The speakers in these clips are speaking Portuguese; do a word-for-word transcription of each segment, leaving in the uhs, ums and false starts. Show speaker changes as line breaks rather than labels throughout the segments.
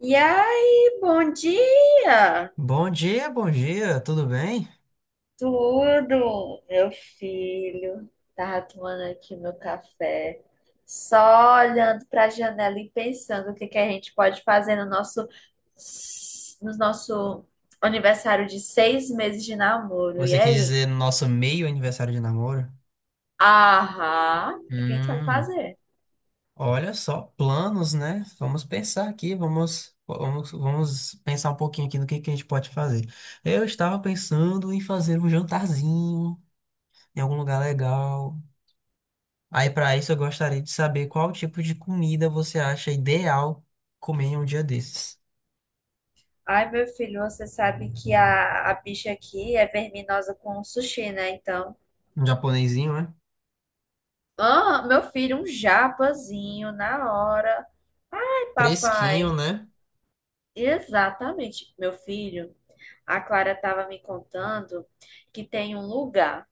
E aí, bom dia!
Bom dia, bom dia, tudo bem?
Tudo, meu filho. Tava tomando aqui meu café, só olhando para a janela e pensando o que que a gente pode fazer no nosso, no nosso aniversário de seis meses de namoro. E
Você quis
aí?
dizer nosso meio aniversário de namoro?
Aham, o que a gente vai
Hum,
fazer?
Olha só, planos, né? Vamos pensar aqui, vamos, vamos, vamos pensar um pouquinho aqui no que que a gente pode fazer. Eu estava pensando em fazer um jantarzinho em algum lugar legal. Aí, para isso, eu gostaria de saber qual tipo de comida você acha ideal comer em um dia desses.
Ai, meu filho, você sabe que a, a bicha aqui é verminosa com sushi, né? Então.
Um japonesinho, né?
Ah, meu filho, um japazinho na hora.
Fresquinho,
Papai,
né?
exatamente, meu filho. A Clara estava me contando que tem um lugar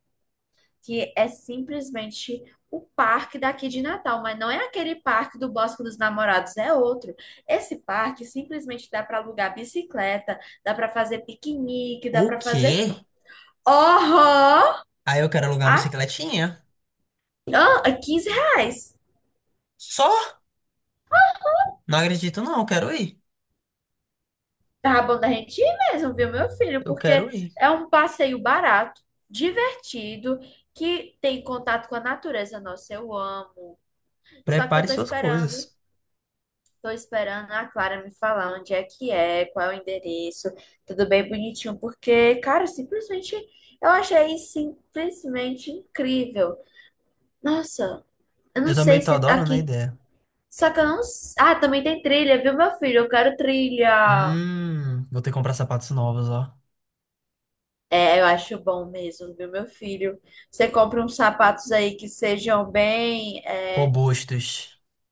que é simplesmente o parque daqui de Natal, mas não é aquele parque do Bosque dos Namorados, é outro. Esse parque simplesmente dá para alugar bicicleta, dá para fazer piquenique, dá
O
para fazer.
quê?
Oh,
Aí eu quero alugar uma
a
bicicletinha.
quinze reais.
Só? Não acredito, não. Eu quero ir.
Tá bom da gente ir mesmo, viu, meu filho?
Eu quero
Porque
ir.
é um passeio barato, divertido, que tem contato com a natureza. Nossa, eu amo. Só que eu
Prepare
tô
suas
esperando,
coisas.
tô esperando a Clara me falar onde é que é, qual é o endereço, tudo bem bonitinho, porque, cara, simplesmente eu achei simplesmente incrível. Nossa, eu
Eu
não
também
sei
tô
se
adorando a
aqui.
ideia.
Só que eu não. s- Ah, também tem trilha, viu, meu filho? Eu quero trilha.
Hum, vou ter que comprar sapatos novos, ó.
É, eu acho bom mesmo, viu, meu filho? Você compra uns sapatos aí que sejam bem. é,
Robustos.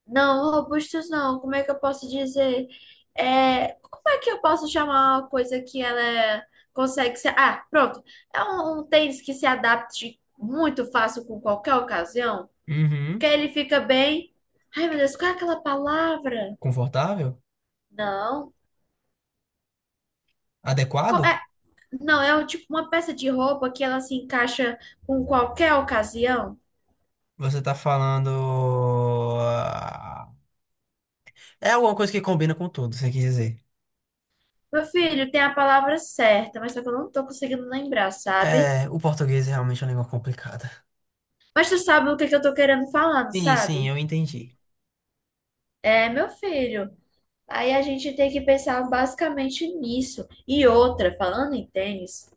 Não, robustos não. Como é que eu posso dizer? É, como é que eu posso chamar uma coisa que ela é- consegue se. Ah, pronto. É um, um tênis que se adapte muito fácil com qualquer ocasião, porque
Uhum.
ele fica bem. Ai, meu Deus, qual é aquela palavra?
Confortável?
Não. Co-
Adequado?
é- Não, é um tipo uma peça de roupa que ela se encaixa com qualquer ocasião.
Você tá falando. Ah, É alguma coisa que combina com tudo, você quer dizer.
Meu filho, tem a palavra certa, mas só que eu não tô conseguindo lembrar, sabe?
É, o português é realmente uma língua complicada.
Mas tu sabe o que que eu tô querendo falar, não
Sim, sim,
sabe?
eu entendi.
É, meu filho. Aí a gente tem que pensar basicamente nisso. E outra, falando em tênis.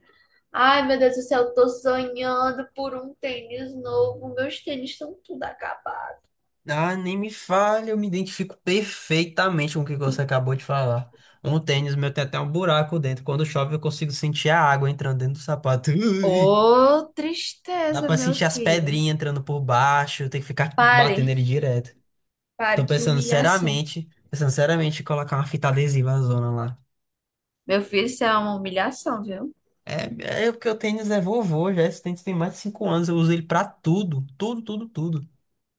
Ai, meu Deus do céu, eu tô sonhando por um tênis novo. Meus tênis estão tudo acabados.
Ah, nem me fale, eu me identifico perfeitamente com o que você acabou de falar. Um tênis meu tem até um buraco dentro. Quando chove, eu consigo sentir a água entrando dentro do sapato. Ui!
Ô,
Dá
tristeza,
pra
meu
sentir as
filho.
pedrinhas entrando por baixo, tem que ficar batendo
Pare,
ele direto. Tô
pare, que
pensando
humilhação.
seriamente, pensando seriamente em colocar uma fita adesiva na zona lá.
Meu filho, isso é uma humilhação, viu?
É, é porque o tênis é vovô já, esse tênis tem mais de cinco anos, eu uso ele pra tudo, tudo, tudo, tudo.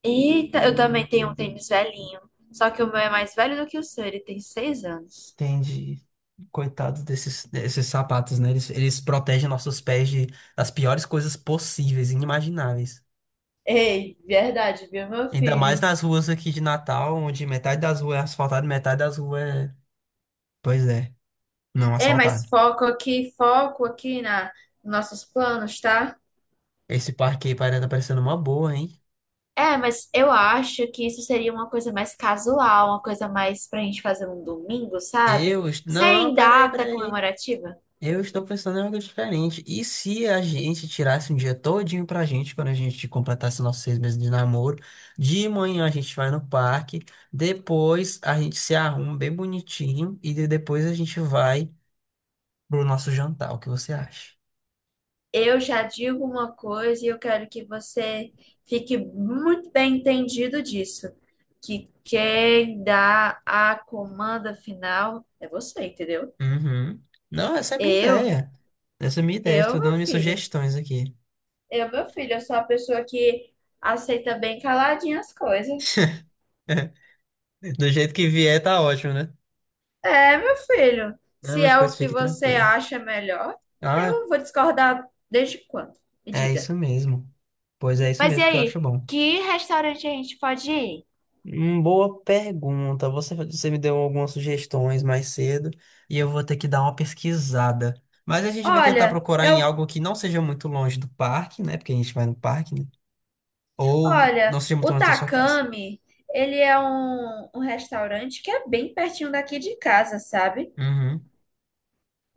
Eita, eu também tenho um tênis velhinho. Só que o meu é mais velho do que o seu, ele tem seis anos.
Entendi. Coitados desses, desses sapatos, né? Eles, eles protegem nossos pés de, das piores coisas possíveis, inimagináveis.
Ei, verdade, viu, meu
Ainda mais
filho?
nas ruas aqui de Natal, onde metade das ruas é asfaltada, e metade das ruas é, pois é, não
É,
asfaltada.
mas foco aqui, foco aqui na nos nossos planos, tá?
Esse parque aí parece tá parecendo uma boa, hein?
É, mas eu acho que isso seria uma coisa mais casual, uma coisa mais pra gente fazer um domingo, sabe?
Eu... est- Não,
Sem
peraí,
data
peraí.
comemorativa.
Eu estou pensando em algo diferente. E se a gente tirasse um dia todinho pra gente, quando a gente completasse nossos seis meses de namoro, de manhã a gente vai no parque, depois a gente se arruma bem bonitinho e de- depois a gente vai pro nosso jantar. O que você acha?
Eu já digo uma coisa e eu quero que você fique muito bem entendido disso, que quem dá a comanda final é você, entendeu?
Uhum. Não, essa é a minha
Eu,
ideia. Essa é a minha ideia.
eu,
Estou
meu
dando minhas
filho,
sugestões aqui.
eu, meu filho, eu sou a pessoa que aceita bem caladinha as coisas.
Do jeito que vier, tá ótimo, né?
É, meu filho,
Não,
se
mas
é o
pois
que
fique
você
tranquila.
acha melhor,
Ah,
eu vou discordar desde quando? Me
é
diga.
isso mesmo. Pois é isso
Mas e
mesmo que eu
aí,
acho bom.
que restaurante a gente pode ir?
Hum, Boa pergunta. Você, você me deu algumas sugestões mais cedo e eu vou ter que dar uma pesquisada. Mas a gente vai tentar
Olha,
procurar em
eu
algo que não seja muito longe do parque, né? Porque a gente vai no parque, né? Ou
Olha,
não seja muito
o
longe da sua casa.
Takami, ele é um, um restaurante que é bem pertinho daqui de casa, sabe?
Uhum.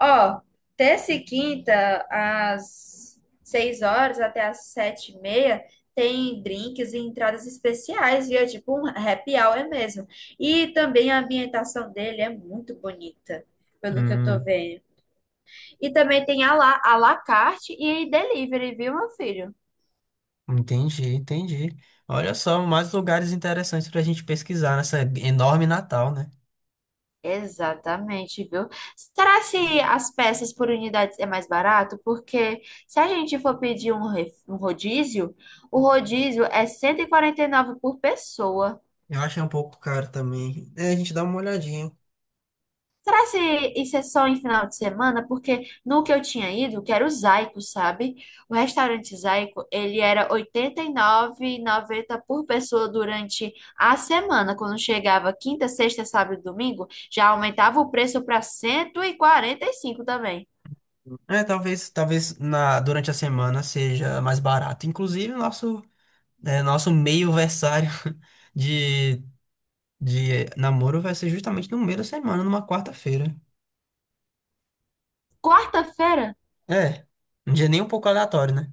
Ó, terça e quinta, às seis horas até às sete e meia, tem drinks e entradas especiais, viu? É tipo um happy hour mesmo. E também a ambientação dele é muito bonita, pelo que eu tô
Hum,
vendo. E também tem a la, à la carte e delivery, viu, meu filho?
entendi, entendi. Olha só, mais lugares interessantes pra gente pesquisar nessa enorme Natal, né?
Exatamente, viu? Será se as peças por unidades é mais barato? Porque se a gente for pedir um, re- um rodízio, o rodízio é cento e e quarenta e nove por pessoa.
Eu achei um pouco caro também. É, a gente dá uma olhadinha.
Será se isso é só em final de semana? Porque no que eu tinha ido, que era o Zaico, sabe? O restaurante Zaico, ele era oitenta e nove e noventa por pessoa durante a semana. Quando chegava quinta, sexta, sábado e domingo, já aumentava o preço para cento e e quarenta e cinco também.
É, talvez, talvez na, durante a semana seja mais barato. Inclusive, nosso. É, nosso meio versário de, de namoro vai ser justamente no meio da semana, numa quarta-feira.
Quarta-feira?
É, um dia nem um pouco aleatório, né?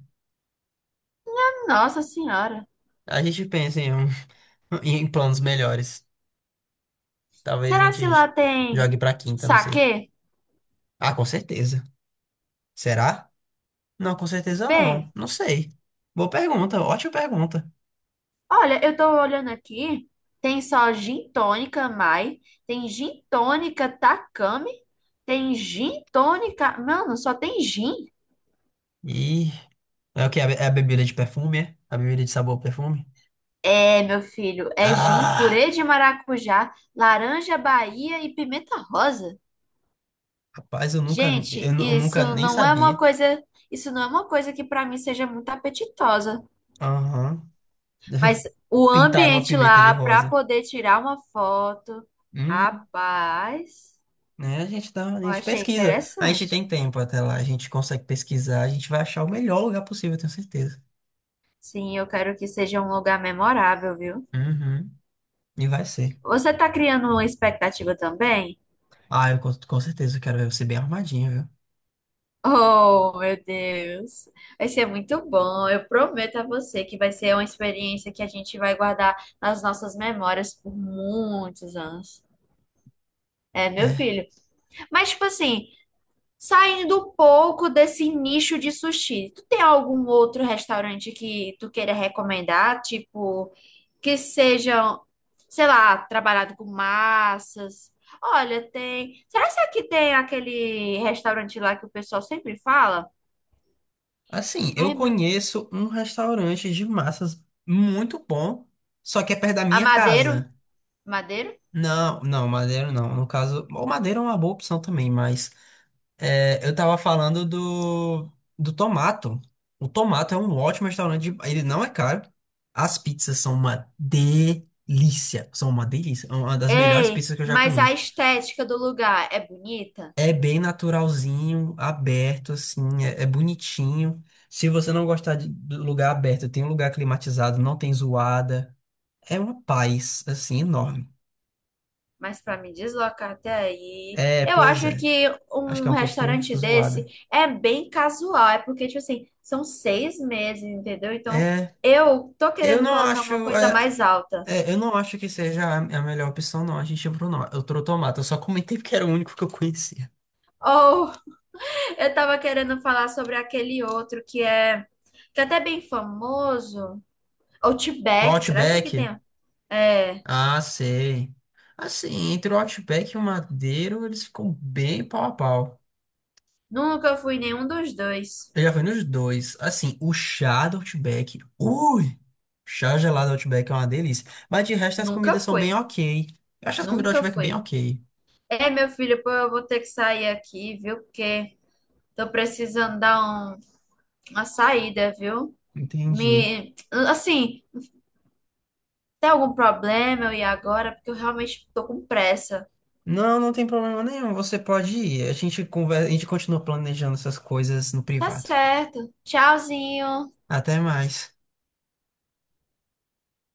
Nossa Senhora.
A gente pensa em, um- em planos melhores. Talvez a
Será se lá
gente
tem
jogue pra quinta, não sei.
saquê?
Ah, com certeza. Será? Não, com certeza não.
Bem,
Não sei. Boa pergunta, ótima pergunta.
olha, eu tô olhando aqui. Tem só gin tônica Mai, tem gin tônica Takami, tem gin tônica. Mano, só tem gin.
E é o que? É a be- é a bebida de perfume, é? A bebida de sabor perfume?
É, meu filho, é gin,
Ah,
purê de maracujá, laranja Bahia e pimenta rosa.
rapaz, eu nunca, eu,
Gente,
nu- eu nunca
isso
nem
não é uma
sabia.
coisa, isso não é uma coisa que pra mim seja muito apetitosa.
Aham.
Mas o
Pintar uma
ambiente
pimenta de
lá para
rosa.
poder tirar uma foto,
Hum,
rapaz,
né? A gente dá, a
eu
gente
achei
pesquisa. A gente
interessante.
tem tempo até lá, a gente consegue pesquisar, a gente vai achar o melhor lugar possível, eu tenho certeza.
Sim, eu quero que seja um lugar memorável, viu?
Uhum. E vai ser.
Você tá criando uma expectativa também?
Ah, eu com, com certeza eu quero ver você bem arrumadinho, viu?
Oh, meu Deus. Vai ser muito bom. Eu prometo a você que vai ser uma experiência que a gente vai guardar nas nossas memórias por muitos anos. É, meu
É.
filho. Mas, tipo assim, saindo um pouco desse nicho de sushi, tu tem algum outro restaurante que tu queira recomendar? Tipo, que sejam, sei lá, trabalhado com massas. Olha, tem. Será que aqui tem aquele restaurante lá que o pessoal sempre fala?
Assim, eu
Ai, ma-
conheço um restaurante de massas muito bom, só que é perto da
a
minha
Madeiro?
casa.
Madeiro?
Não, não, Madeira não. No caso, o Madeira é uma boa opção também, mas é, eu tava falando do, do Tomato. O Tomato é um ótimo restaurante. de- Ele não é caro. As pizzas são uma delícia. São uma delícia. É uma das melhores
Ei,
pizzas que eu já
mas
comi.
a estética do lugar é bonita?
É bem naturalzinho, aberto, assim. É, é bonitinho. Se você não gostar de, do lugar aberto, tem um lugar climatizado, não tem zoada. É uma paz, assim, enorme.
Mas para me deslocar até aí,
É,
eu
pois
acho
é.
que
Acho que é
um
um pouquinho
restaurante desse
zoada.
é bem casual, é porque, tipo assim, são seis meses, entendeu? Então,
É.
eu tô
Eu
querendo
não
colocar uma
acho.
coisa
é,
mais alta.
É, eu não acho que seja a a melhor opção, não. A gente ia pro, Eu trouxe tomate. Eu só comentei porque era o único que eu conhecia.
Ou eu tava querendo falar sobre aquele outro que é, que é até bem famoso,
O
Outback, será que isso aqui
Outback?
tem? É,
Ah, sei. Assim, entre o Outback e o Madeiro, eles ficam bem pau a pau.
nunca fui em nenhum dos dois.
Eu já fui nos dois. Assim, o chá do Outback. Ui! Chá gelado do Outback é uma delícia. Mas de resto, as
Nunca
comidas são bem
fui,
ok. Eu acho as comidas do
nunca
Outback bem
fui.
ok.
É, meu filho, pô, eu vou ter que sair aqui, viu? Porque tô precisando dar um- uma saída, viu?
Entendi.
Me, assim, tem algum problema eu ir agora? Porque eu realmente tô com pressa.
Não, não tem problema nenhum. Você pode ir. A gente conversa, a gente continua planejando essas coisas no
Tá
privado.
certo. Tchauzinho.
Até mais.